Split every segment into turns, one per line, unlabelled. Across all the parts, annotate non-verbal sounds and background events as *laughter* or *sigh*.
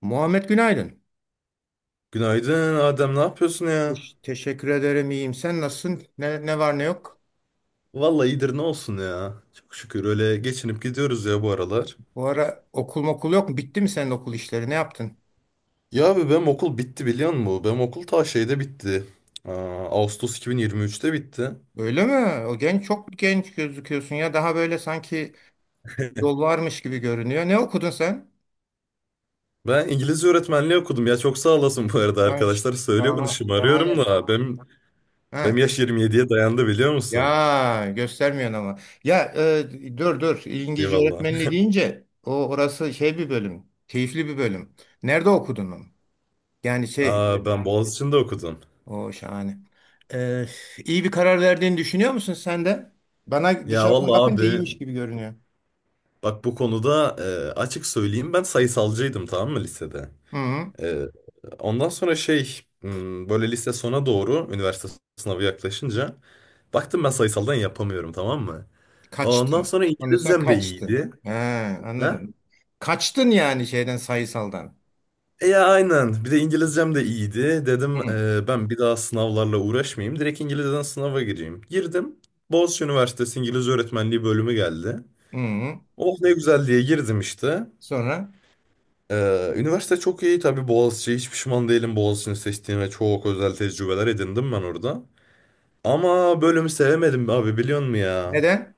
Muhammed günaydın.
Günaydın Adem, ne yapıyorsun ya?
Teşekkür ederim, iyiyim. Sen nasılsın? Ne var ne yok?
Vallahi iyidir ne olsun ya. Çok şükür öyle geçinip gidiyoruz ya bu aralar.
Bu ara okul yok mu? Bitti mi senin okul işleri? Ne yaptın?
Ya abi benim okul bitti biliyor musun? Benim okul ta şeyde bitti. Aa, Ağustos 2023'te bitti.
Öyle mi? O genç, çok genç gözüküyorsun ya. Daha böyle sanki yol varmış gibi görünüyor. Ne okudun sen?
Ben İngilizce öğretmenliği okudum ya çok sağ olasın bu arada
Ay,
arkadaşlar. Söylüyor bunu şımarıyorum
şahane.
da benim
Ha.
yaş 27'ye dayandı biliyor musun?
Ya göstermiyorsun ama. Ya dur. İngilizce
Eyvallah.
öğretmenliği deyince o orası şey bir bölüm. Keyifli bir bölüm. Nerede okudun onu? Yani şey
Aa, ben Boğaziçi'nde okudum.
o şahane. Ee, iyi bir karar verdiğini düşünüyor musun sen de? Bana
Ya
dışarıdan
vallahi
bakınca
abi
iyiymiş gibi görünüyor.
bak bu konuda açık söyleyeyim ben sayısalcıydım tamam mı lisede?
Hı hı.
Ee, Ondan sonra şey hmm, böyle lise sona doğru üniversite sınavı yaklaşınca baktım ben sayısaldan yapamıyorum tamam mı? Ondan
Kaçtın.
sonra
Ondan sonra
İngilizcem de
kaçtın.
iyiydi.
He,
Ha?
anladım. Kaçtın yani şeyden, sayısaldan.
E ya aynen bir de İngilizcem de iyiydi.
Hı
Dedim
hı.
ben bir daha sınavlarla uğraşmayayım. Direkt İngilizceden sınava gireyim. Girdim. Boğaziçi Üniversitesi İngilizce Öğretmenliği bölümü geldi.
Hı.
Oh ne güzel diye girdim işte.
Sonra
Üniversite çok iyi tabii Boğaziçi. Hiç pişman değilim Boğaziçi'ni seçtiğime. Çok özel tecrübeler edindim ben orada. Ama bölümü sevemedim abi biliyor musun ya?
neden?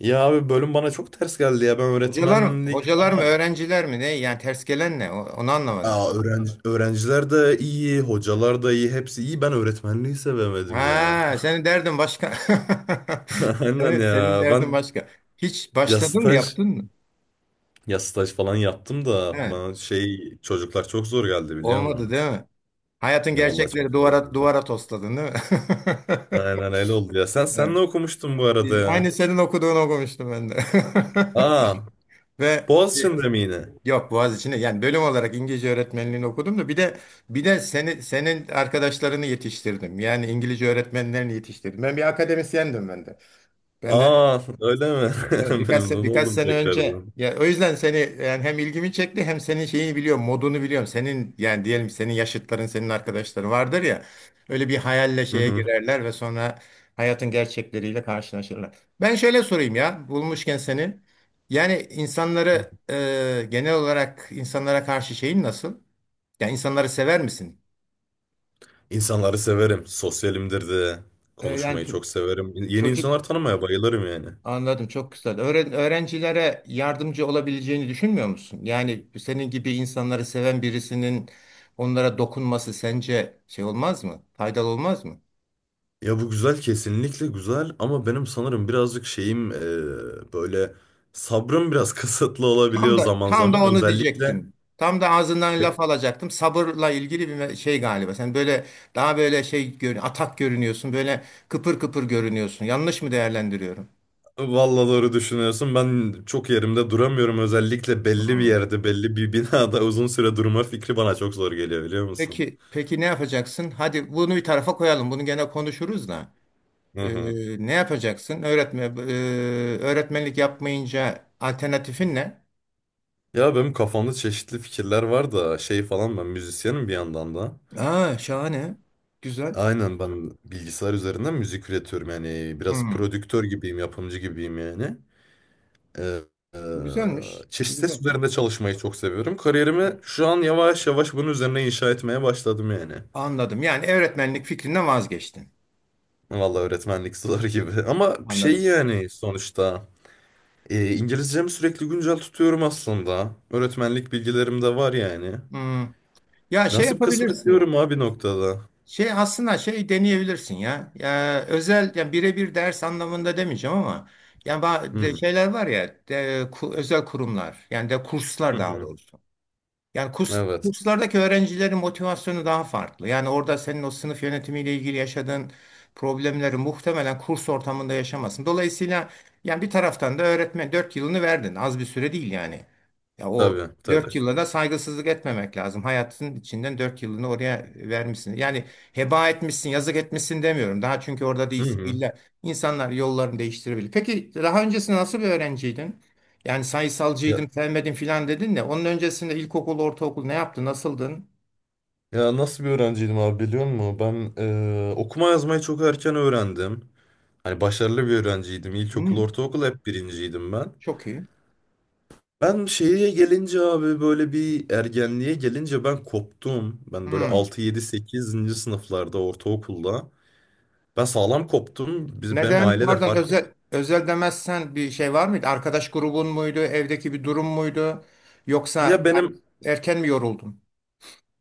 Ya abi bölüm bana çok ters geldi ya. Ben
Hocalar mı?
öğretmenlik...
Hocalar mı? Öğrenciler mi? Ne? Yani ters gelen ne? Onu anlamadım.
Aa, öğrenci, öğrenciler de iyi, hocalar da iyi, hepsi iyi. Ben öğretmenliği sevemedim ya.
Ha, senin derdin başka.
*laughs*
*laughs*
Aynen
Senin
ya.
derdin
Ben
başka. Hiç
ya
başladın mı,
staj,
yaptın mı?
ya staj falan yaptım
He,
da bana şey çocuklar çok zor geldi biliyor
olmadı
musun?
değil mi? Hayatın
Ya vallahi
gerçekleri,
çok zor
duvara
geldi.
duvara tosladın değil mi? *laughs*
Aynen öyle oldu ya. Sen
Evet.
ne okumuştun bu arada ya?
Aynı senin okuduğunu okumuştum ben de.
Aa,
*laughs* Ve şey,
Boğaziçi'nde mi yine?
yok Boğaziçi'ne, yani bölüm olarak İngilizce öğretmenliğini okudum da bir de seni, senin arkadaşlarını yetiştirdim. Yani İngilizce öğretmenlerini yetiştirdim. Ben bir akademisyendim ben de. Ben de
Aa, öyle mi?
evet,
*laughs*
birkaç,
Memnun
birkaç
oldum
sene önce.
tekrardan.
Ya o yüzden seni yani hem ilgimi çekti, hem senin şeyini biliyorum, modunu biliyorum senin. Yani diyelim senin yaşıtların, senin arkadaşların vardır ya, öyle bir hayalle
Hı
şeye
hı.
girerler ve sonra hayatın gerçekleriyle karşılaşırlar. Ben şöyle sorayım ya, bulmuşken seni, yani insanları genel olarak insanlara karşı şeyin nasıl? Yani insanları sever misin?
İnsanları severim. Sosyalimdir de.
Yani
Konuşmayı çok severim. Yeni
çocuk
insanlar tanımaya bayılırım yani.
anladım, çok güzel. Öğrencilere yardımcı olabileceğini düşünmüyor musun? Yani senin gibi insanları seven birisinin onlara dokunması sence şey olmaz mı? Faydalı olmaz mı?
Ya bu güzel kesinlikle güzel ama benim sanırım birazcık şeyim böyle sabrım biraz *laughs* kısıtlı
Tam
olabiliyor
da
zaman
tam
zaman.
da onu
Özellikle
diyecektim. Tam da ağzından
e,
laf alacaktım. Sabırla ilgili bir şey galiba. Sen böyle, daha böyle şey atak görünüyorsun. Böyle kıpır kıpır görünüyorsun. Yanlış mı değerlendiriyorum?
vallahi doğru düşünüyorsun. Ben çok yerimde duramıyorum. Özellikle belli bir
Hmm.
yerde, belli bir binada *laughs* uzun süre durma fikri bana çok zor geliyor biliyor musun?
Peki ne yapacaksın? Hadi bunu bir tarafa koyalım. Bunu gene konuşuruz da.
Hı hı.
Ne yapacaksın? Öğretmenlik yapmayınca alternatifin ne?
Ya benim kafamda çeşitli fikirler var da şey falan ben müzisyenim bir yandan da.
Aa, şahane. Güzel.
Aynen ben bilgisayar üzerinden müzik üretiyorum yani biraz
Hmm.
prodüktör gibiyim, yapımcı gibiyim yani. Ee, e,
Bu güzelmiş. Bu
Çeşitli
güzel.
ses üzerinde çalışmayı çok seviyorum. Kariyerimi şu an yavaş yavaş bunun üzerine inşa etmeye başladım yani.
Anladım. Yani öğretmenlik fikrinden vazgeçtin.
Vallahi öğretmenlik zor gibi *laughs* ama şey
Anladım.
yani sonuçta İngilizcemi sürekli güncel tutuyorum aslında. Öğretmenlik bilgilerim de var yani.
Hmm. Ya şey
Nasip kısmet
yapabilirsin.
diyorum abi noktada.
Şey aslında şey deneyebilirsin ya. Ya özel, yani birebir ders anlamında demeyeceğim ama yani
Hı.
şeyler var ya, özel kurumlar, yani de
Hı
kurslar daha
hı.
doğrusu. Yani
Evet
kurslardaki öğrencilerin motivasyonu daha farklı. Yani orada senin o sınıf yönetimiyle ilgili yaşadığın problemleri muhtemelen kurs ortamında yaşamazsın. Dolayısıyla yani bir taraftan da öğretmen, 4 yılını verdin. Az bir süre değil yani. Ya o
tabii tabii.
4 yıla da saygısızlık etmemek lazım. Hayatın içinden 4 yılını oraya vermişsin. Yani heba etmişsin, yazık etmişsin demiyorum. Daha, çünkü orada
Hı
değilsin.
hı.
İlla insanlar yollarını değiştirebilir. Peki daha öncesinde nasıl bir öğrenciydin? Yani
Ya-
sayısalcıydım, sevmedim filan dedin de onun öncesinde ilkokul, ortaokul ne yaptı, nasıldın?
Ya nasıl bir öğrenciydim abi biliyor musun? Ben okuma yazmayı çok erken öğrendim. Hani başarılı bir öğrenciydim. İlkokul,
Hmm,
ortaokul hep birinciydim ben.
çok iyi.
Ben şeye gelince abi böyle bir ergenliğe gelince ben koptum. Ben böyle
Hmm.
6 7 sekizinci sınıflarda ortaokulda. Ben sağlam koptum. Biz, benim
Neden?
aile de
Pardon,
fark etti.
özel özel demezsen bir şey var mıydı? Arkadaş grubun muydu? Evdeki bir durum muydu? Yoksa
Ya
yani
benim
erken mi yoruldun?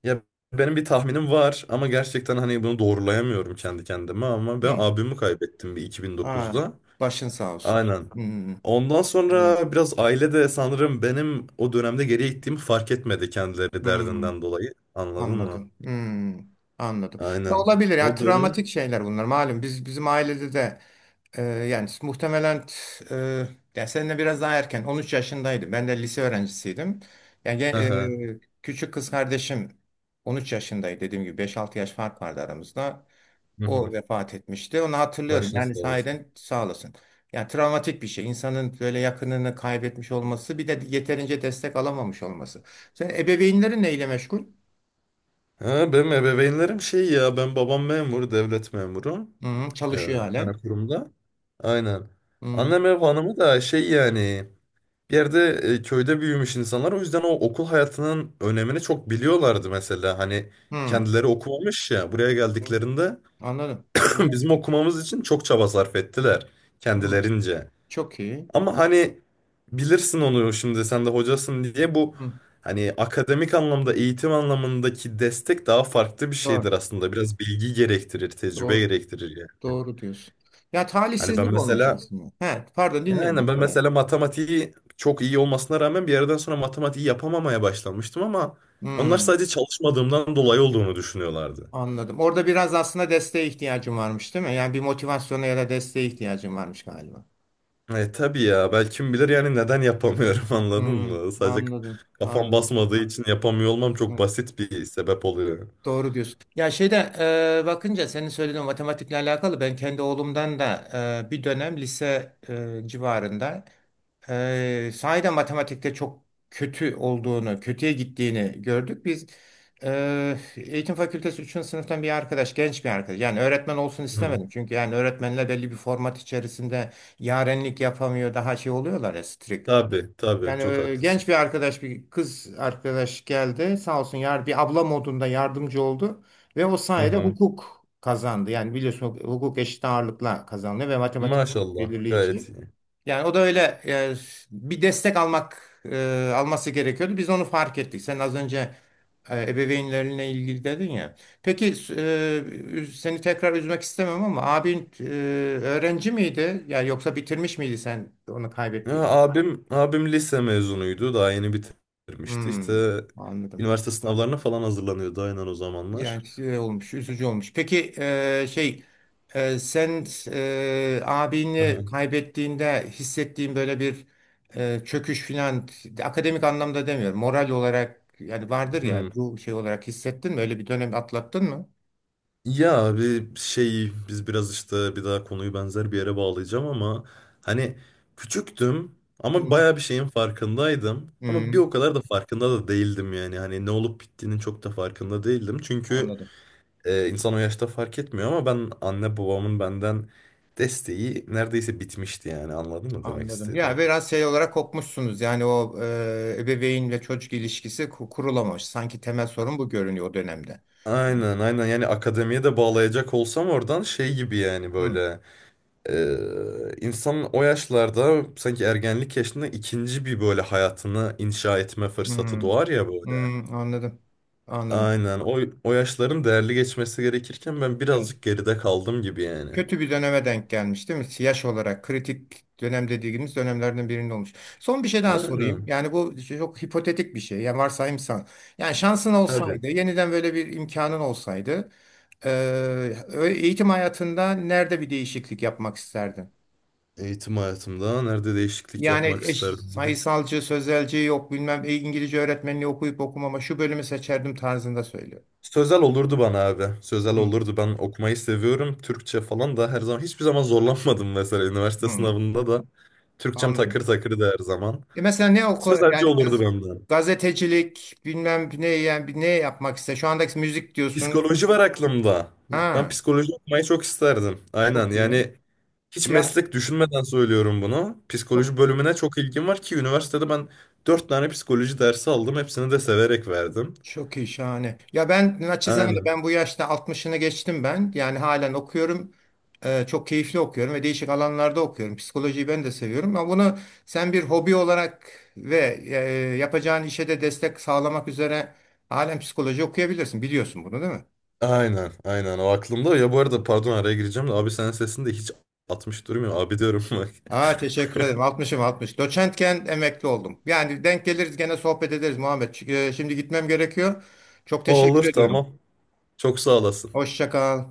ya benim bir tahminim var ama gerçekten hani bunu doğrulayamıyorum kendi kendime ama ben
Hmm.
abimi kaybettim bir
Aa,
2009'da.
başın sağ olsun.
Aynen.
Hmm,
Ondan
anladım.
sonra biraz aile de sanırım benim o dönemde geriye gittiğimi fark etmedi kendileri
Hmm.
derdinden dolayı. Anladın mı?
Anladım. Hmm, anladım. Ya
Aynen.
olabilir ya,
O dönem.
travmatik şeyler bunlar. Malum biz, bizim ailede de yani muhtemelen e, yani seninle biraz daha erken, 13 yaşındaydım. Ben de lise öğrencisiydim. Yani
Aha.
küçük kız kardeşim 13 yaşındaydı, dediğim gibi 5-6 yaş fark vardı aramızda.
Hı hı.
O vefat etmişti. Onu hatırlıyorum.
Başınız
Yani
sağ olsun.
sahiden sağ olasın. Yani travmatik bir şey. İnsanın böyle yakınını kaybetmiş olması, bir de yeterince destek alamamış olması. Sen, ebeveynlerin neyle meşgul?
Ha, benim ebeveynlerim şey ya ben babam memur, devlet memuru.
Hı,
Ee,
çalışıyor
Bir tane
halen.
kurumda. Aynen.
Hı,
Annem ev hanımı da şey yani bir yerde köyde büyümüş insanlar. O yüzden o okul hayatının önemini çok biliyorlardı mesela. Hani
hı,
kendileri okumamış ya buraya
hı.
geldiklerinde.
Anladım.
*laughs*
Güzel.
Bizim okumamız için çok çaba sarf ettiler
Hı,
kendilerince.
çok iyi.
Ama hani bilirsin onu şimdi sen de hocasın diye bu
Hı,
hani akademik anlamda eğitim anlamındaki destek daha farklı bir şeydir
doğru,
aslında. Biraz bilgi gerektirir, tecrübe
doğru,
gerektirir yani.
doğru diyorsun. Ya
Hani ben
talihsizlik olmuş
mesela
aslında. He, pardon dinliyorum. Ne
Ben
kadar?
mesela matematiği çok iyi olmasına rağmen bir yerden sonra matematiği yapamamaya başlamıştım ama
Hı,
onlar sadece çalışmadığımdan dolayı olduğunu düşünüyorlardı.
anladım. Orada biraz aslında desteğe ihtiyacım varmış, değil mi? Yani bir motivasyona ya da desteğe ihtiyacım varmış galiba.
E tabii ya belki kim bilir yani neden yapamıyorum *laughs* anladın
Hı,
mı? Sadece
anladım,
kafam
anladım.
basmadığı için yapamıyor olmam çok
Hı,
basit bir sebep oluyor.
doğru diyorsun. Ya şeyde bakınca senin söylediğin matematikle alakalı ben kendi oğlumdan da bir dönem lise civarında. Sahiden matematikte çok kötü olduğunu, kötüye gittiğini gördük. Biz eğitim fakültesi üçüncü sınıftan bir arkadaş, genç bir arkadaş. Yani öğretmen olsun
Hı.
istemedim. Çünkü yani öğretmenler belli bir format içerisinde yarenlik yapamıyor, daha şey oluyorlar ya, strict.
Tabii tabii
Yani
çok haklısın.
genç bir arkadaş, bir kız arkadaş geldi. Sağ olsun yar, bir abla modunda yardımcı oldu. Ve o
Hı
sayede
hı.
hukuk kazandı. Yani biliyorsun, hukuk eşit ağırlıkla kazandı ve matematik
Maşallah
belirleyici.
gayet iyi.
Yani o da öyle bir destek almak, alması gerekiyordu. Biz onu fark ettik. Sen az önce ebeveynlerine ilgili dedin ya. Peki seni tekrar üzmek istemem ama abin öğrenci miydi? Yani yoksa bitirmiş miydi sen onu
Ya,
kaybettiğin?
abim lise mezunuydu daha yeni bitirmişti
Hmm,
işte
anladım.
üniversite sınavlarına falan hazırlanıyordu aynen o zamanlar.
Yani şey olmuş, üzücü olmuş. Peki şey sen
Hı
abini
hı.
kaybettiğinde hissettiğin böyle bir çöküş filan, akademik anlamda demiyorum. Moral olarak yani, vardır ya
Hı.
bu şey olarak hissettin mi? Öyle bir dönem atlattın mı?
Ya abi şey biz biraz işte bir daha konuyu benzer bir yere bağlayacağım ama hani küçüktüm
Hı
ama
hı.
baya bir şeyin farkındaydım ama bir
Hı,
o kadar da farkında da değildim yani hani ne olup bittiğinin çok da farkında değildim çünkü
anladım.
insan o yaşta fark etmiyor ama ben anne babamın benden desteği neredeyse bitmişti yani anladın mı demek
Anladım. Ya
istediğim?
biraz şey olarak kopmuşsunuz. Yani o ebeveyn ve çocuk ilişkisi kurulamamış. Sanki temel sorun bu görünüyor o dönemde. Hı,
Aynen yani akademiye de bağlayacak olsam oradan şey gibi yani
hı,
böyle. İnsanın o yaşlarda sanki ergenlik yaşında ikinci bir böyle hayatını inşa etme
hı,
fırsatı doğar ya
hı,
böyle.
anladım. Anladım.
Aynen o yaşların değerli geçmesi gerekirken ben
Evet.
birazcık geride kaldım gibi yani.
Kötü bir döneme denk gelmiş değil mi? Yaş olarak kritik dönem dediğimiz dönemlerden birinde olmuş. Son bir şey daha sorayım.
Aynen
Yani bu çok hipotetik bir şey. Yani varsayımsan. Yani şansın
tabii.
olsaydı, yeniden böyle bir imkanın olsaydı, eğitim hayatında nerede bir değişiklik yapmak isterdin?
Eğitim hayatımda nerede değişiklik
Yani
yapmak
eş,
isterdim dedi.
sayısalcı, sözelci yok bilmem İngilizce öğretmenliği okuyup okumama şu bölümü seçerdim tarzında söylüyor.
Sözel olurdu bana abi. Sözel
Hmm,
olurdu. Ben okumayı seviyorum. Türkçe falan da her zaman hiçbir zaman zorlanmadım mesela üniversite
hmm,
sınavında da. Türkçem takır
anladım.
takırdı her zaman.
Ya mesela ne oku
Sözelci
yani
olurdu benden.
gazetecilik bilmem ne yani ne yapmak ister. Şu andaki müzik diyorsun.
Psikoloji var aklımda. Ben
Ha,
psikoloji okumayı çok isterdim. Aynen
çok iyi.
yani hiç
Ya
meslek düşünmeden söylüyorum bunu. Psikoloji
çok
bölümüne çok ilgim var ki üniversitede ben dört tane psikoloji dersi aldım. Hepsini de severek verdim.
çok iyi, şahane. Ya ben naçizane,
Aynen.
ben bu yaşta altmışını geçtim ben. Yani halen okuyorum. Çok keyifli okuyorum ve değişik alanlarda okuyorum. Psikolojiyi ben de seviyorum ama bunu sen bir hobi olarak ve yapacağın işe de destek sağlamak üzere halen psikoloji okuyabilirsin. Biliyorsun bunu değil mi?
Aynen. Aynen o aklımda. Ya bu arada pardon araya gireceğim de abi senin sesini de hiç atmış durmuyor. Abi diyorum bak.
Aa, teşekkür ederim. Altmışım, 60. Doçentken emekli oldum. Yani denk geliriz gene, sohbet ederiz Muhammed. Çünkü şimdi gitmem gerekiyor. Çok
*laughs* Olur
teşekkür
tamam.
ediyorum.
Çok sağ olasın.
Hoşça kal.